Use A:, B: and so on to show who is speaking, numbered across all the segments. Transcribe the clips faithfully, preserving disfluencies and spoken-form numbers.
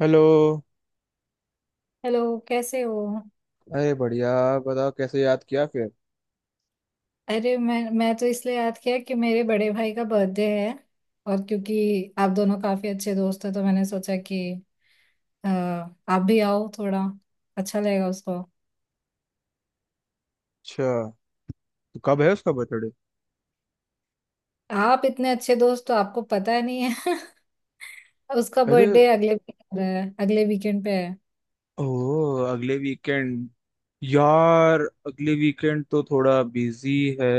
A: Hello.
B: Hello. कैसे हो?
A: अरे बढ़िया। बताओ कैसे याद किया फिर।
B: अरे मैं मैं तो इसलिए याद किया कि मेरे बड़े भाई का बर्थडे है। और क्योंकि आप दोनों काफी अच्छे दोस्त हैं, तो मैंने सोचा कि अ, आप भी आओ थोड़ा, अच्छा लगेगा उसको।
A: अच्छा, तो कब है उसका बर्थडे।
B: आप इतने अच्छे दोस्त, तो आपको पता ही नहीं है। उसका
A: अरे।
B: बर्थडे अगले weekend है, अगले वीकेंड पे है।
A: ओ। अगले वीकेंड। यार अगले वीकेंड तो थोड़ा बिजी है।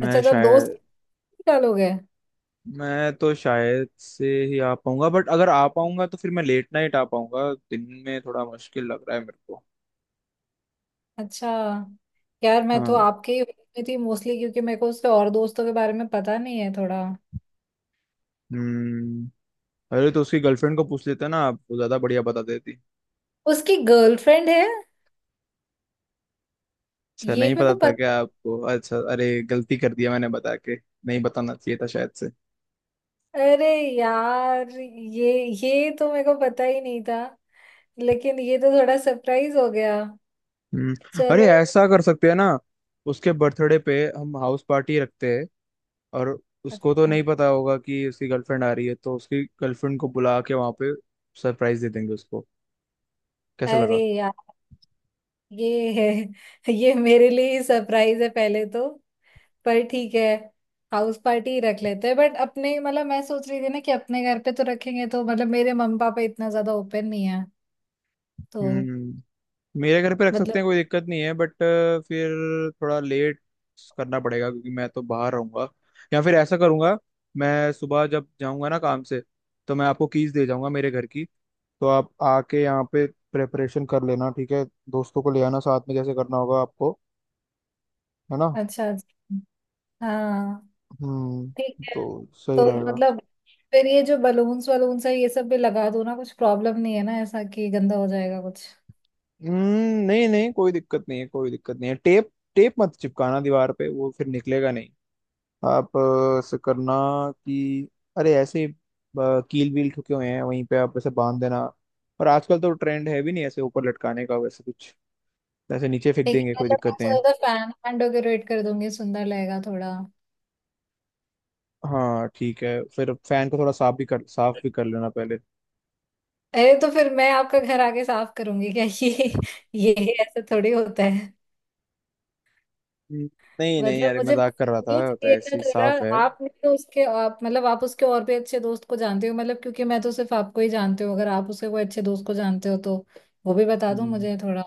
A: मैं
B: अच्छा, तो आप दोस्त
A: शायद
B: निकालोगे?
A: मैं तो शायद से ही आ पाऊंगा, बट अगर आ पाऊंगा तो फिर मैं लेट नाइट आ पाऊंगा, दिन में थोड़ा मुश्किल लग रहा है मेरे को।
B: अच्छा। यार, मैं तो
A: हाँ।
B: आपके ही में थी मोस्टली, क्योंकि मेरे को उसके और दोस्तों के बारे में पता नहीं है थोड़ा।
A: हम्म। अरे तो उसकी गर्लफ्रेंड को पूछ लेते ना आप, वो ज्यादा बढ़िया बता देती।
B: उसकी गर्लफ्रेंड है?
A: अच्छा,
B: ये
A: नहीं
B: मेरे को
A: पता था क्या
B: पता।
A: आपको? अच्छा, अरे गलती कर दिया मैंने बता के, नहीं बताना चाहिए था शायद से।
B: अरे यार, ये ये तो मेरे को पता ही नहीं था। लेकिन ये तो थोड़ा सरप्राइज हो गया।
A: हम्म। अरे
B: चलो।
A: ऐसा कर सकते हैं ना, उसके बर्थडे पे हम हाउस पार्टी रखते हैं। और उसको तो
B: अच्छा।
A: नहीं पता होगा कि उसकी गर्लफ्रेंड आ रही है, तो उसकी गर्लफ्रेंड को बुला के वहां पे सरप्राइज दे देंगे उसको। कैसा
B: अरे
A: लगा।
B: यार, ये है, ये मेरे लिए ही सरप्राइज है पहले तो। पर ठीक है, हाउस पार्टी ही रख लेते हैं। बट अपने मतलब, मैं सोच रही थी ना कि अपने घर पे तो रखेंगे तो मतलब मेरे मम्मी पापा इतना ज्यादा ओपन नहीं है। तो
A: हम्म। मेरे घर पे रख सकते
B: मतलब।
A: हैं, कोई दिक्कत नहीं है। बट फिर थोड़ा लेट करना पड़ेगा क्योंकि मैं तो बाहर रहूंगा। या फिर ऐसा करूंगा, मैं सुबह जब जाऊंगा ना काम से तो मैं आपको कीज दे जाऊंगा मेरे घर की। तो आप आके यहाँ पे प्रेपरेशन कर लेना, ठीक है। दोस्तों को ले आना साथ में जैसे करना होगा आपको, है ना।
B: अच्छा अच्छा। हाँ, ठीक
A: हम्म,
B: है।
A: तो सही
B: तो
A: रहेगा।
B: मतलब, फिर ये जो बलून्स वलून्स है ये सब भी लगा दो ना। कुछ प्रॉब्लम नहीं है ना ऐसा कि गंदा हो जाएगा कुछ?
A: हम्म, नहीं नहीं कोई दिक्कत नहीं है, कोई दिक्कत नहीं है। टेप टेप मत चिपकाना दीवार पे, वो फिर निकलेगा। आप अ, ऐसे करना कि अरे ऐसे अ, कील वील ठुके हुए हैं वहीं पे आप ऐसे बांध देना। और आजकल तो ट्रेंड है भी नहीं ऐसे ऊपर लटकाने का, वैसे कुछ ऐसे नीचे फेंक
B: ठीक
A: देंगे,
B: है,
A: कोई
B: मतलब मैं
A: दिक्कत नहीं है।
B: ज्यादा फैन फैन डेकोरेट कर दूंगी, सुंदर लगेगा थोड़ा।
A: हाँ ठीक है, फिर फैन को थोड़ा साफ भी कर साफ भी कर लेना पहले।
B: अरे तो फिर मैं आपका घर आके साफ करूंगी क्या? ये ये ऐसा थोड़ी होता है।
A: हम्म, नहीं नहीं
B: मतलब
A: अरे
B: मुझे बस
A: मजाक कर रहा
B: न्यूज़
A: था, तो
B: चाहिए था
A: ऐसे ही
B: थोड़ा।
A: साफ है।
B: आपने तो उसके, आप मतलब आप उसके और भी अच्छे दोस्त को जानते हो। मतलब क्योंकि मैं तो सिर्फ आपको ही जानती हूँ। अगर आप उसके कोई अच्छे दोस्त को जानते हो, तो वो भी बता दो
A: हम्म,
B: मुझे थोड़ा।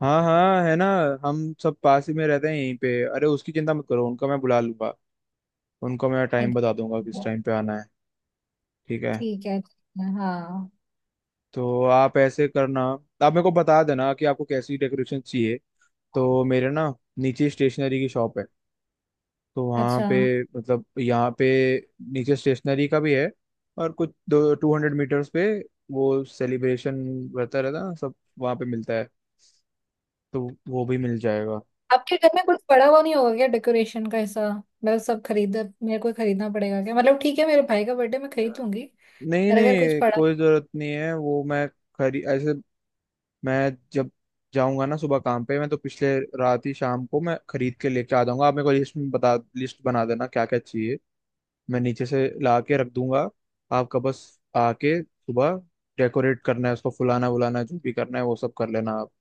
A: हाँ हाँ है ना। हम सब पास ही में रहते हैं यहीं पे, अरे उसकी चिंता मत करो, उनका मैं बुला लूंगा। उनको मैं टाइम बता दूंगा किस
B: अच्छा।
A: टाइम पे आना है। ठीक है।
B: ठीक है, ठीक है, हाँ।
A: तो आप ऐसे करना, आप मेरे को बता देना कि आपको कैसी डेकोरेशन चाहिए, तो मेरे ना नीचे स्टेशनरी की शॉप है, तो वहाँ
B: अच्छा,
A: पे, मतलब यहाँ पे नीचे स्टेशनरी का भी है, और कुछ दो टू हंड्रेड मीटर्स पे वो सेलिब्रेशन रहता, रहता ना सब वहाँ पे मिलता है, तो वो भी मिल जाएगा।
B: आपके घर में कुछ पड़ा हुआ नहीं होगा क्या डेकोरेशन का ऐसा? मतलब सब खरीद, मेरे को खरीदना पड़ेगा क्या? मतलब ठीक है, मेरे भाई का बर्थडे, मैं खरीद लूंगी।
A: नहीं
B: पर अगर कुछ
A: नहीं
B: पड़ा।
A: कोई जरूरत नहीं है, वो मैं खरी ऐसे, मैं जब जाऊंगा ना सुबह काम पे, मैं तो पिछले रात ही शाम को मैं खरीद के लेके आ जाऊंगा, आप मेरे को लिस्ट में बता, लिस्ट बना देना क्या क्या चाहिए। मैं नीचे से ला के रख दूंगा, आपका बस आके सुबह डेकोरेट करना है उसको, फुलाना वुलाना जो भी करना है वो सब कर लेना आप,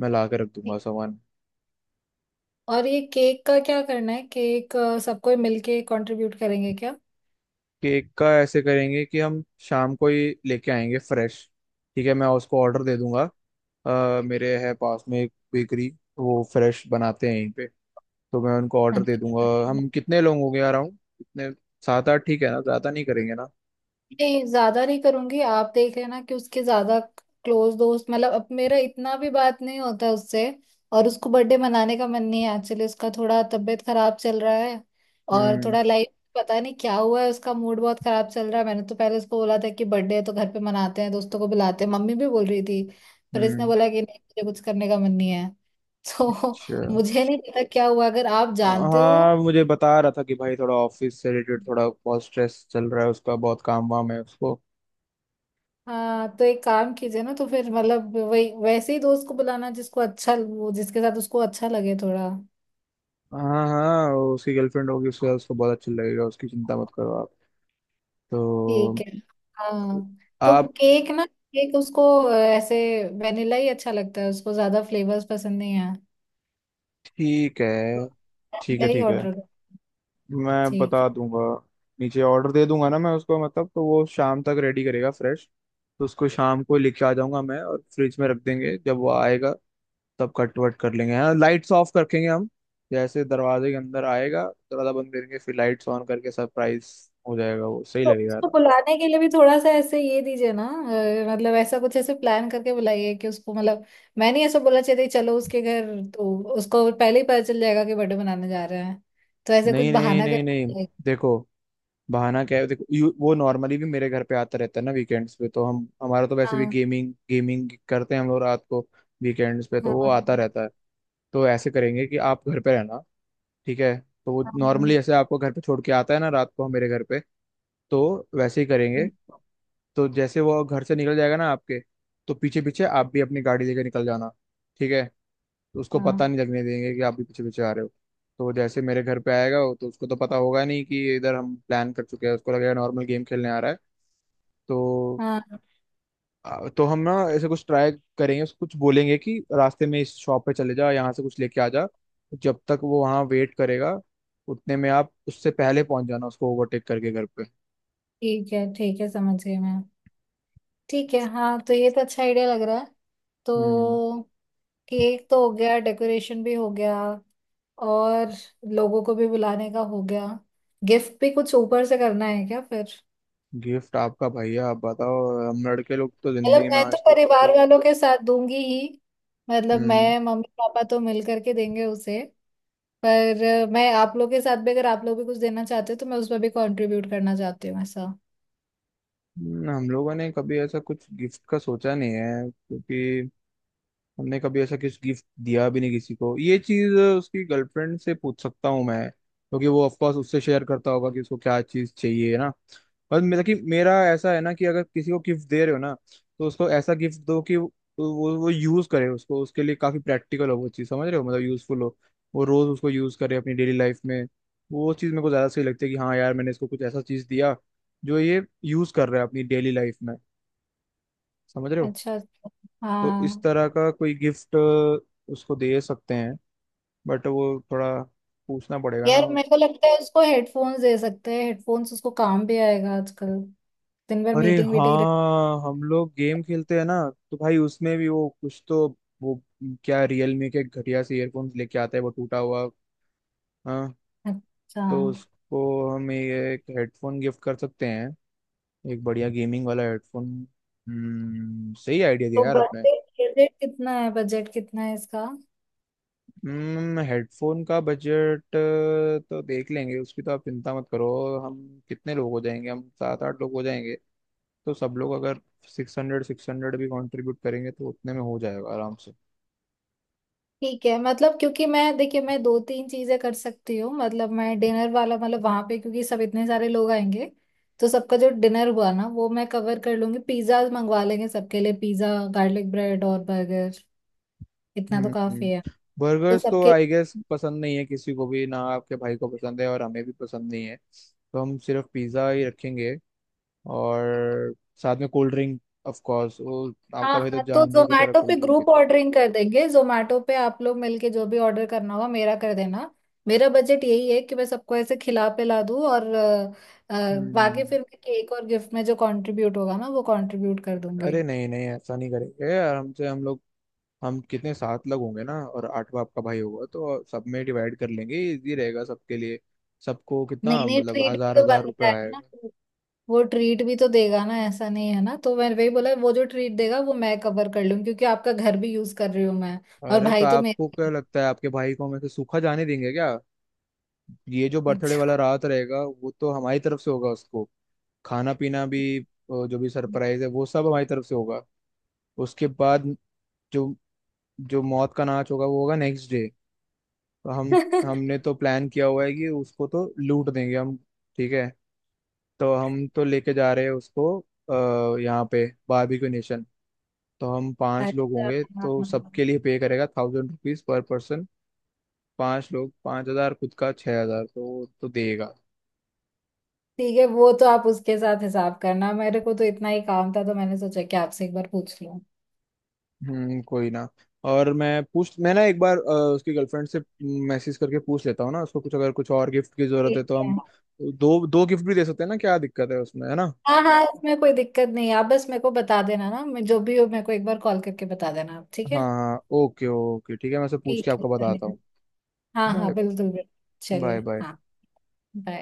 A: मैं ला के रख
B: ठीक।
A: दूंगा सामान।
B: और ये केक का क्या करना है? केक सबको मिलके कंट्रीब्यूट करेंगे क्या?
A: केक का ऐसे करेंगे कि हम शाम को ही लेके आएंगे फ्रेश, ठीक है। मैं उसको ऑर्डर दे दूंगा। अ, मेरे है पास में एक बेकरी, वो फ्रेश बनाते हैं यहीं पे, तो मैं उनको ऑर्डर दे दूंगा।
B: अच्छा।
A: हम कितने लोग हो गए यार, राउंड कितने, सात आठ ठीक है ना, ज्यादा नहीं करेंगे ना।
B: नहीं ज्यादा नहीं करूंगी। आप देख लेना कि उसके ज्यादा क्लोज दोस्त, मतलब अब मेरा इतना भी बात नहीं होता उससे। और उसको बर्थडे मनाने का मन नहीं है एक्चुअली, उसका थोड़ा तबीयत खराब चल रहा है। और
A: हम्म।
B: थोड़ा लाइफ, पता नहीं क्या हुआ है, उसका मूड बहुत खराब चल रहा है। मैंने तो पहले उसको बोला था कि बर्थडे है तो घर पे मनाते हैं, दोस्तों को बुलाते हैं, मम्मी भी बोल रही थी। पर इसने
A: हम्म।
B: बोला कि नहीं, मुझे कुछ करने का मन नहीं है। तो
A: अच्छा।
B: मुझे नहीं पता क्या हुआ, अगर आप जानते हो।
A: हाँ मुझे बता रहा था कि भाई थोड़ा ऑफिस से रिलेटेड थोड़ा बहुत स्ट्रेस चल रहा है उसका, बहुत काम वाम है उसको।
B: हाँ, तो एक काम कीजिए ना, तो फिर मतलब वही वैसे ही दोस्त को बुलाना जिसको अच्छा, वो जिसके साथ उसको अच्छा लगे थोड़ा।
A: हाँ हाँ वो, उसकी गर्लफ्रेंड होगी उसके साथ, उसको बहुत अच्छा लगेगा, उसकी चिंता मत करो आप। तो
B: ठीक है। हाँ, तो
A: आप।
B: केक ना, केक उसको अ, ऐसे वेनिला ही अच्छा लगता है उसको, ज्यादा फ्लेवर्स पसंद नहीं है।
A: ठीक
B: तो
A: है। ठीक है
B: वेनिला ही
A: ठीक है।
B: ऑर्डर करो।
A: मैं
B: ठीक
A: बता
B: है।
A: दूंगा। नीचे ऑर्डर दे दूंगा ना मैं उसको, मतलब तो वो शाम तक रेडी करेगा फ्रेश। तो उसको शाम को लेके आ जाऊंगा मैं, और फ्रिज में रख देंगे, जब वो आएगा तब कट वट कर लेंगे। हाँ, लाइट्स ऑफ रखेंगे हम, जैसे दरवाजे के अंदर आएगा, दरवाजा बंद करेंगे, फिर लाइट्स ऑन करके सरप्राइज हो जाएगा वो। सही
B: तो
A: लगेगा
B: उसको
A: ना।
B: बुलाने के लिए भी थोड़ा सा ऐसे ये दीजिए ना, अ, मतलब ऐसा कुछ ऐसे प्लान करके बुलाइए कि उसको, मतलब मैं नहीं ऐसा बोला चाहिए चलो उसके घर, तो उसको पहले ही पता चल जाएगा कि बर्थडे मनाने जा रहे हैं। तो ऐसे कुछ
A: नहीं नहीं
B: बहाना
A: नहीं
B: कर।
A: नहीं देखो, बहाना क्या है देखो, यू, वो नॉर्मली भी मेरे घर पे आता रहता है ना वीकेंड्स पे, तो हम हमारा तो वैसे भी
B: हाँ।
A: गेमिंग गेमिंग करते हैं हम लोग रात को, वीकेंड्स पे तो वो
B: हाँ।
A: आता रहता है। तो ऐसे करेंगे कि आप घर पे रहना, ठीक है। तो वो नॉर्मली
B: हाँ।
A: ऐसे आपको घर पे छोड़ के आता है ना रात को, मेरे घर पे तो वैसे ही करेंगे। तो जैसे वो घर से निकल जाएगा ना आपके, तो पीछे पीछे आप भी अपनी गाड़ी लेकर निकल जाना, ठीक है। तो उसको पता
B: हाँ।
A: नहीं लगने देंगे कि आप भी पीछे पीछे आ रहे हो। तो जैसे मेरे घर पे आएगा वो, तो उसको तो पता होगा नहीं कि इधर हम प्लान कर चुके हैं, उसको लगेगा नॉर्मल गेम खेलने आ रहा है। तो
B: हाँ।
A: आ, तो हम ना ऐसे कुछ ट्राई करेंगे, उसको कुछ बोलेंगे कि रास्ते में इस शॉप पे चले जा, यहाँ से कुछ लेके आ जा, जब तक वो वहाँ वेट करेगा उतने में आप उससे पहले पहुंच जाना, उसको ओवरटेक करके घर पे।
B: ठीक है, ठीक है, समझ गई मैं। ठीक है, हाँ, तो ये तो अच्छा आइडिया लग रहा है।
A: हम्म।
B: तो केक तो हो गया, डेकोरेशन भी हो गया, और लोगों को भी बुलाने का हो गया। गिफ्ट भी कुछ ऊपर से करना है क्या फिर?
A: गिफ्ट आपका भैया, आप बताओ। हम लड़के लोग तो
B: मतलब
A: जिंदगी में
B: मैं तो
A: आज तक
B: परिवार
A: किसी-
B: वालों के साथ दूंगी ही, मतलब
A: हम्म।
B: मैं, मम्मी पापा तो मिल करके देंगे उसे। पर मैं आप लोग के साथ भी, अगर आप लोग भी कुछ देना चाहते हो, तो मैं उसमें भी कंट्रीब्यूट करना चाहती हूँ, ऐसा।
A: हम्म, हम लोगों ने कभी ऐसा कुछ गिफ्ट का सोचा नहीं है, क्योंकि हमने कभी ऐसा किस गिफ्ट दिया भी नहीं किसी को, ये चीज उसकी गर्लफ्रेंड से पूछ सकता हूँ मैं क्योंकि वो ऑफ कोर्स उससे शेयर करता होगा कि उसको क्या चीज चाहिए ना। पर मेरा कि मेरा ऐसा है ना, कि अगर किसी को गिफ्ट दे रहे हो ना, तो उसको ऐसा गिफ्ट दो कि वो वो यूज करे, उसको उसके लिए काफी प्रैक्टिकल हो वो चीज, समझ रहे हो, मतलब यूजफुल हो, वो रोज उसको यूज करे अपनी डेली लाइफ में। वो चीज मेरे को ज्यादा सही लगती है कि हाँ यार मैंने इसको कुछ ऐसा चीज दिया जो ये यूज कर रहा है अपनी डेली लाइफ में, समझ रहे हो।
B: अच्छा अच्छा।
A: तो इस
B: हाँ,
A: तरह का कोई गिफ्ट उसको दे सकते हैं, बट वो थोड़ा पूछना पड़ेगा ना।
B: यार मेरे को लगता है उसको हेडफोन्स दे सकते हैं। हेडफोन्स उसको काम भी आएगा, आजकल दिन भर
A: अरे
B: मीटिंग वीटिंग रहती
A: हाँ हम लोग गेम खेलते हैं ना, तो भाई उसमें भी वो कुछ तो, वो क्या रियलमी के घटिया से ईयरफोन्स लेके आता है, वो टूटा हुआ। हाँ।
B: है। अच्छा,
A: तो उसको हम ये एक हेडफोन गिफ्ट कर सकते हैं, एक बढ़िया गेमिंग वाला हेडफोन। हम्म सही आइडिया दिया
B: तो
A: यार आपने।
B: बजट, बजट कितना है? बजट कितना है इसका?
A: हेडफोन का बजट तो देख लेंगे उसकी, तो आप चिंता मत करो। हम कितने लोग हो जाएंगे, हम सात आठ लोग हो जाएंगे, तो सब लोग अगर सिक्स हंड्रेड सिक्स हंड्रेड भी कंट्रीब्यूट करेंगे तो उतने में हो जाएगा आराम से।
B: ठीक है, मतलब क्योंकि मैं, देखिए मैं दो तीन चीजें कर सकती हूँ। मतलब मैं डिनर वाला, मतलब वहां पे क्योंकि सब इतने सारे लोग आएंगे, तो सबका जो डिनर हुआ ना वो मैं कवर कर लूंगी। पिज्जा मंगवा लेंगे सबके लिए, पिज्जा, गार्लिक ब्रेड और बर्गर, इतना
A: हम्म।
B: तो काफी है।
A: हम्म।
B: तो
A: बर्गर्स तो
B: सबके।
A: आई गेस पसंद नहीं है किसी को भी ना, आपके भाई को पसंद है और हमें भी पसंद नहीं है, तो हम सिर्फ पिज़्ज़ा ही रखेंगे, और साथ में कोल्ड ड्रिंक, ऑफ कोर्स वो,
B: हाँ
A: आपका भाई तो
B: हाँ, तो
A: जानवर की तरह
B: जोमेटो पे
A: कोल्ड ड्रिंक
B: ग्रुप
A: पीता है।
B: ऑर्डरिंग कर देंगे। जोमेटो पे आप लोग मिलके जो भी ऑर्डर करना होगा मेरा, कर देना। मेरा बजट यही है कि मैं सबको ऐसे खिला पिला दूँ। और अ, अ, बाकी
A: हम्म।
B: फिर मैं केक और गिफ्ट में जो कंट्रीब्यूट होगा ना वो कंट्रीब्यूट कर दूंगी।
A: अरे नहीं नहीं ऐसा नहीं करेंगे, आराम से हम लोग, हम कितने सात लोग होंगे ना और आठवां आपका भाई होगा, तो सब में डिवाइड कर लेंगे, इजी रहेगा सबके लिए। सबको कितना,
B: नहीं नहीं,
A: मतलब
B: ट्रीट भी
A: हजार
B: तो
A: हजार
B: बनता
A: रुपये
B: है ना,
A: आएगा।
B: वो ट्रीट भी तो देगा ना, ऐसा नहीं है ना। तो मैंने वही बोला, वो जो ट्रीट देगा वो मैं कवर कर लूँ क्योंकि आपका घर भी यूज कर रही हूँ मैं। और
A: अरे तो
B: भाई तो
A: आपको
B: मेरे।
A: क्या लगता है, आपके भाई को हम ऐसे सूखा जाने देंगे क्या। ये जो बर्थडे वाला
B: अच्छा।
A: रात रहेगा वो तो हमारी तरफ से होगा उसको, खाना पीना भी अ, जो भी सरप्राइज है वो सब हमारी तरफ से होगा। उसके बाद जो जो मौत का नाच होगा वो होगा नेक्स्ट डे। तो हम हमने तो प्लान किया हुआ है कि उसको तो लूट देंगे हम, ठीक है। तो हम तो लेके जा रहे हैं उसको अ, यहाँ पे बारबेक्यू नेशन, तो हम पांच लोग
B: अच्छा।
A: होंगे,
B: हाँ,
A: तो
B: हाँ,
A: सबके लिए पे करेगा थाउजेंड रुपीज पर पर्सन। पांच लोग पांच हजार, खुद का छह हजार तो वो तो देगा।
B: ठीक है। वो तो आप उसके साथ हिसाब करना, मेरे को तो इतना ही काम था, तो मैंने सोचा कि आपसे एक बार पूछ लूं।
A: हम्म कोई ना। और मैं पूछ मैं ना एक बार अ, उसकी गर्लफ्रेंड से मैसेज करके पूछ लेता हूँ ना उसको, कुछ अगर कुछ और गिफ्ट की जरूरत है
B: ठीक
A: तो हम
B: है।
A: दो दो गिफ्ट भी दे सकते हैं ना, क्या दिक्कत है उसमें, है ना।
B: हाँ हाँ, इसमें कोई दिक्कत नहीं है, आप बस मेरे को बता देना ना। मैं, जो भी हो मेरे को एक बार कॉल करके बता देना आप, ठीक है?
A: हाँ हाँ ओके ओके ठीक है, मैं उसे पूछ के
B: ठीक है,
A: आपको बताता
B: चलिए।
A: हूँ।
B: हाँ हाँ,
A: बाय।
B: बिल्कुल बिल्कुल। चलिए,
A: बाय बाय।
B: हाँ। बाय।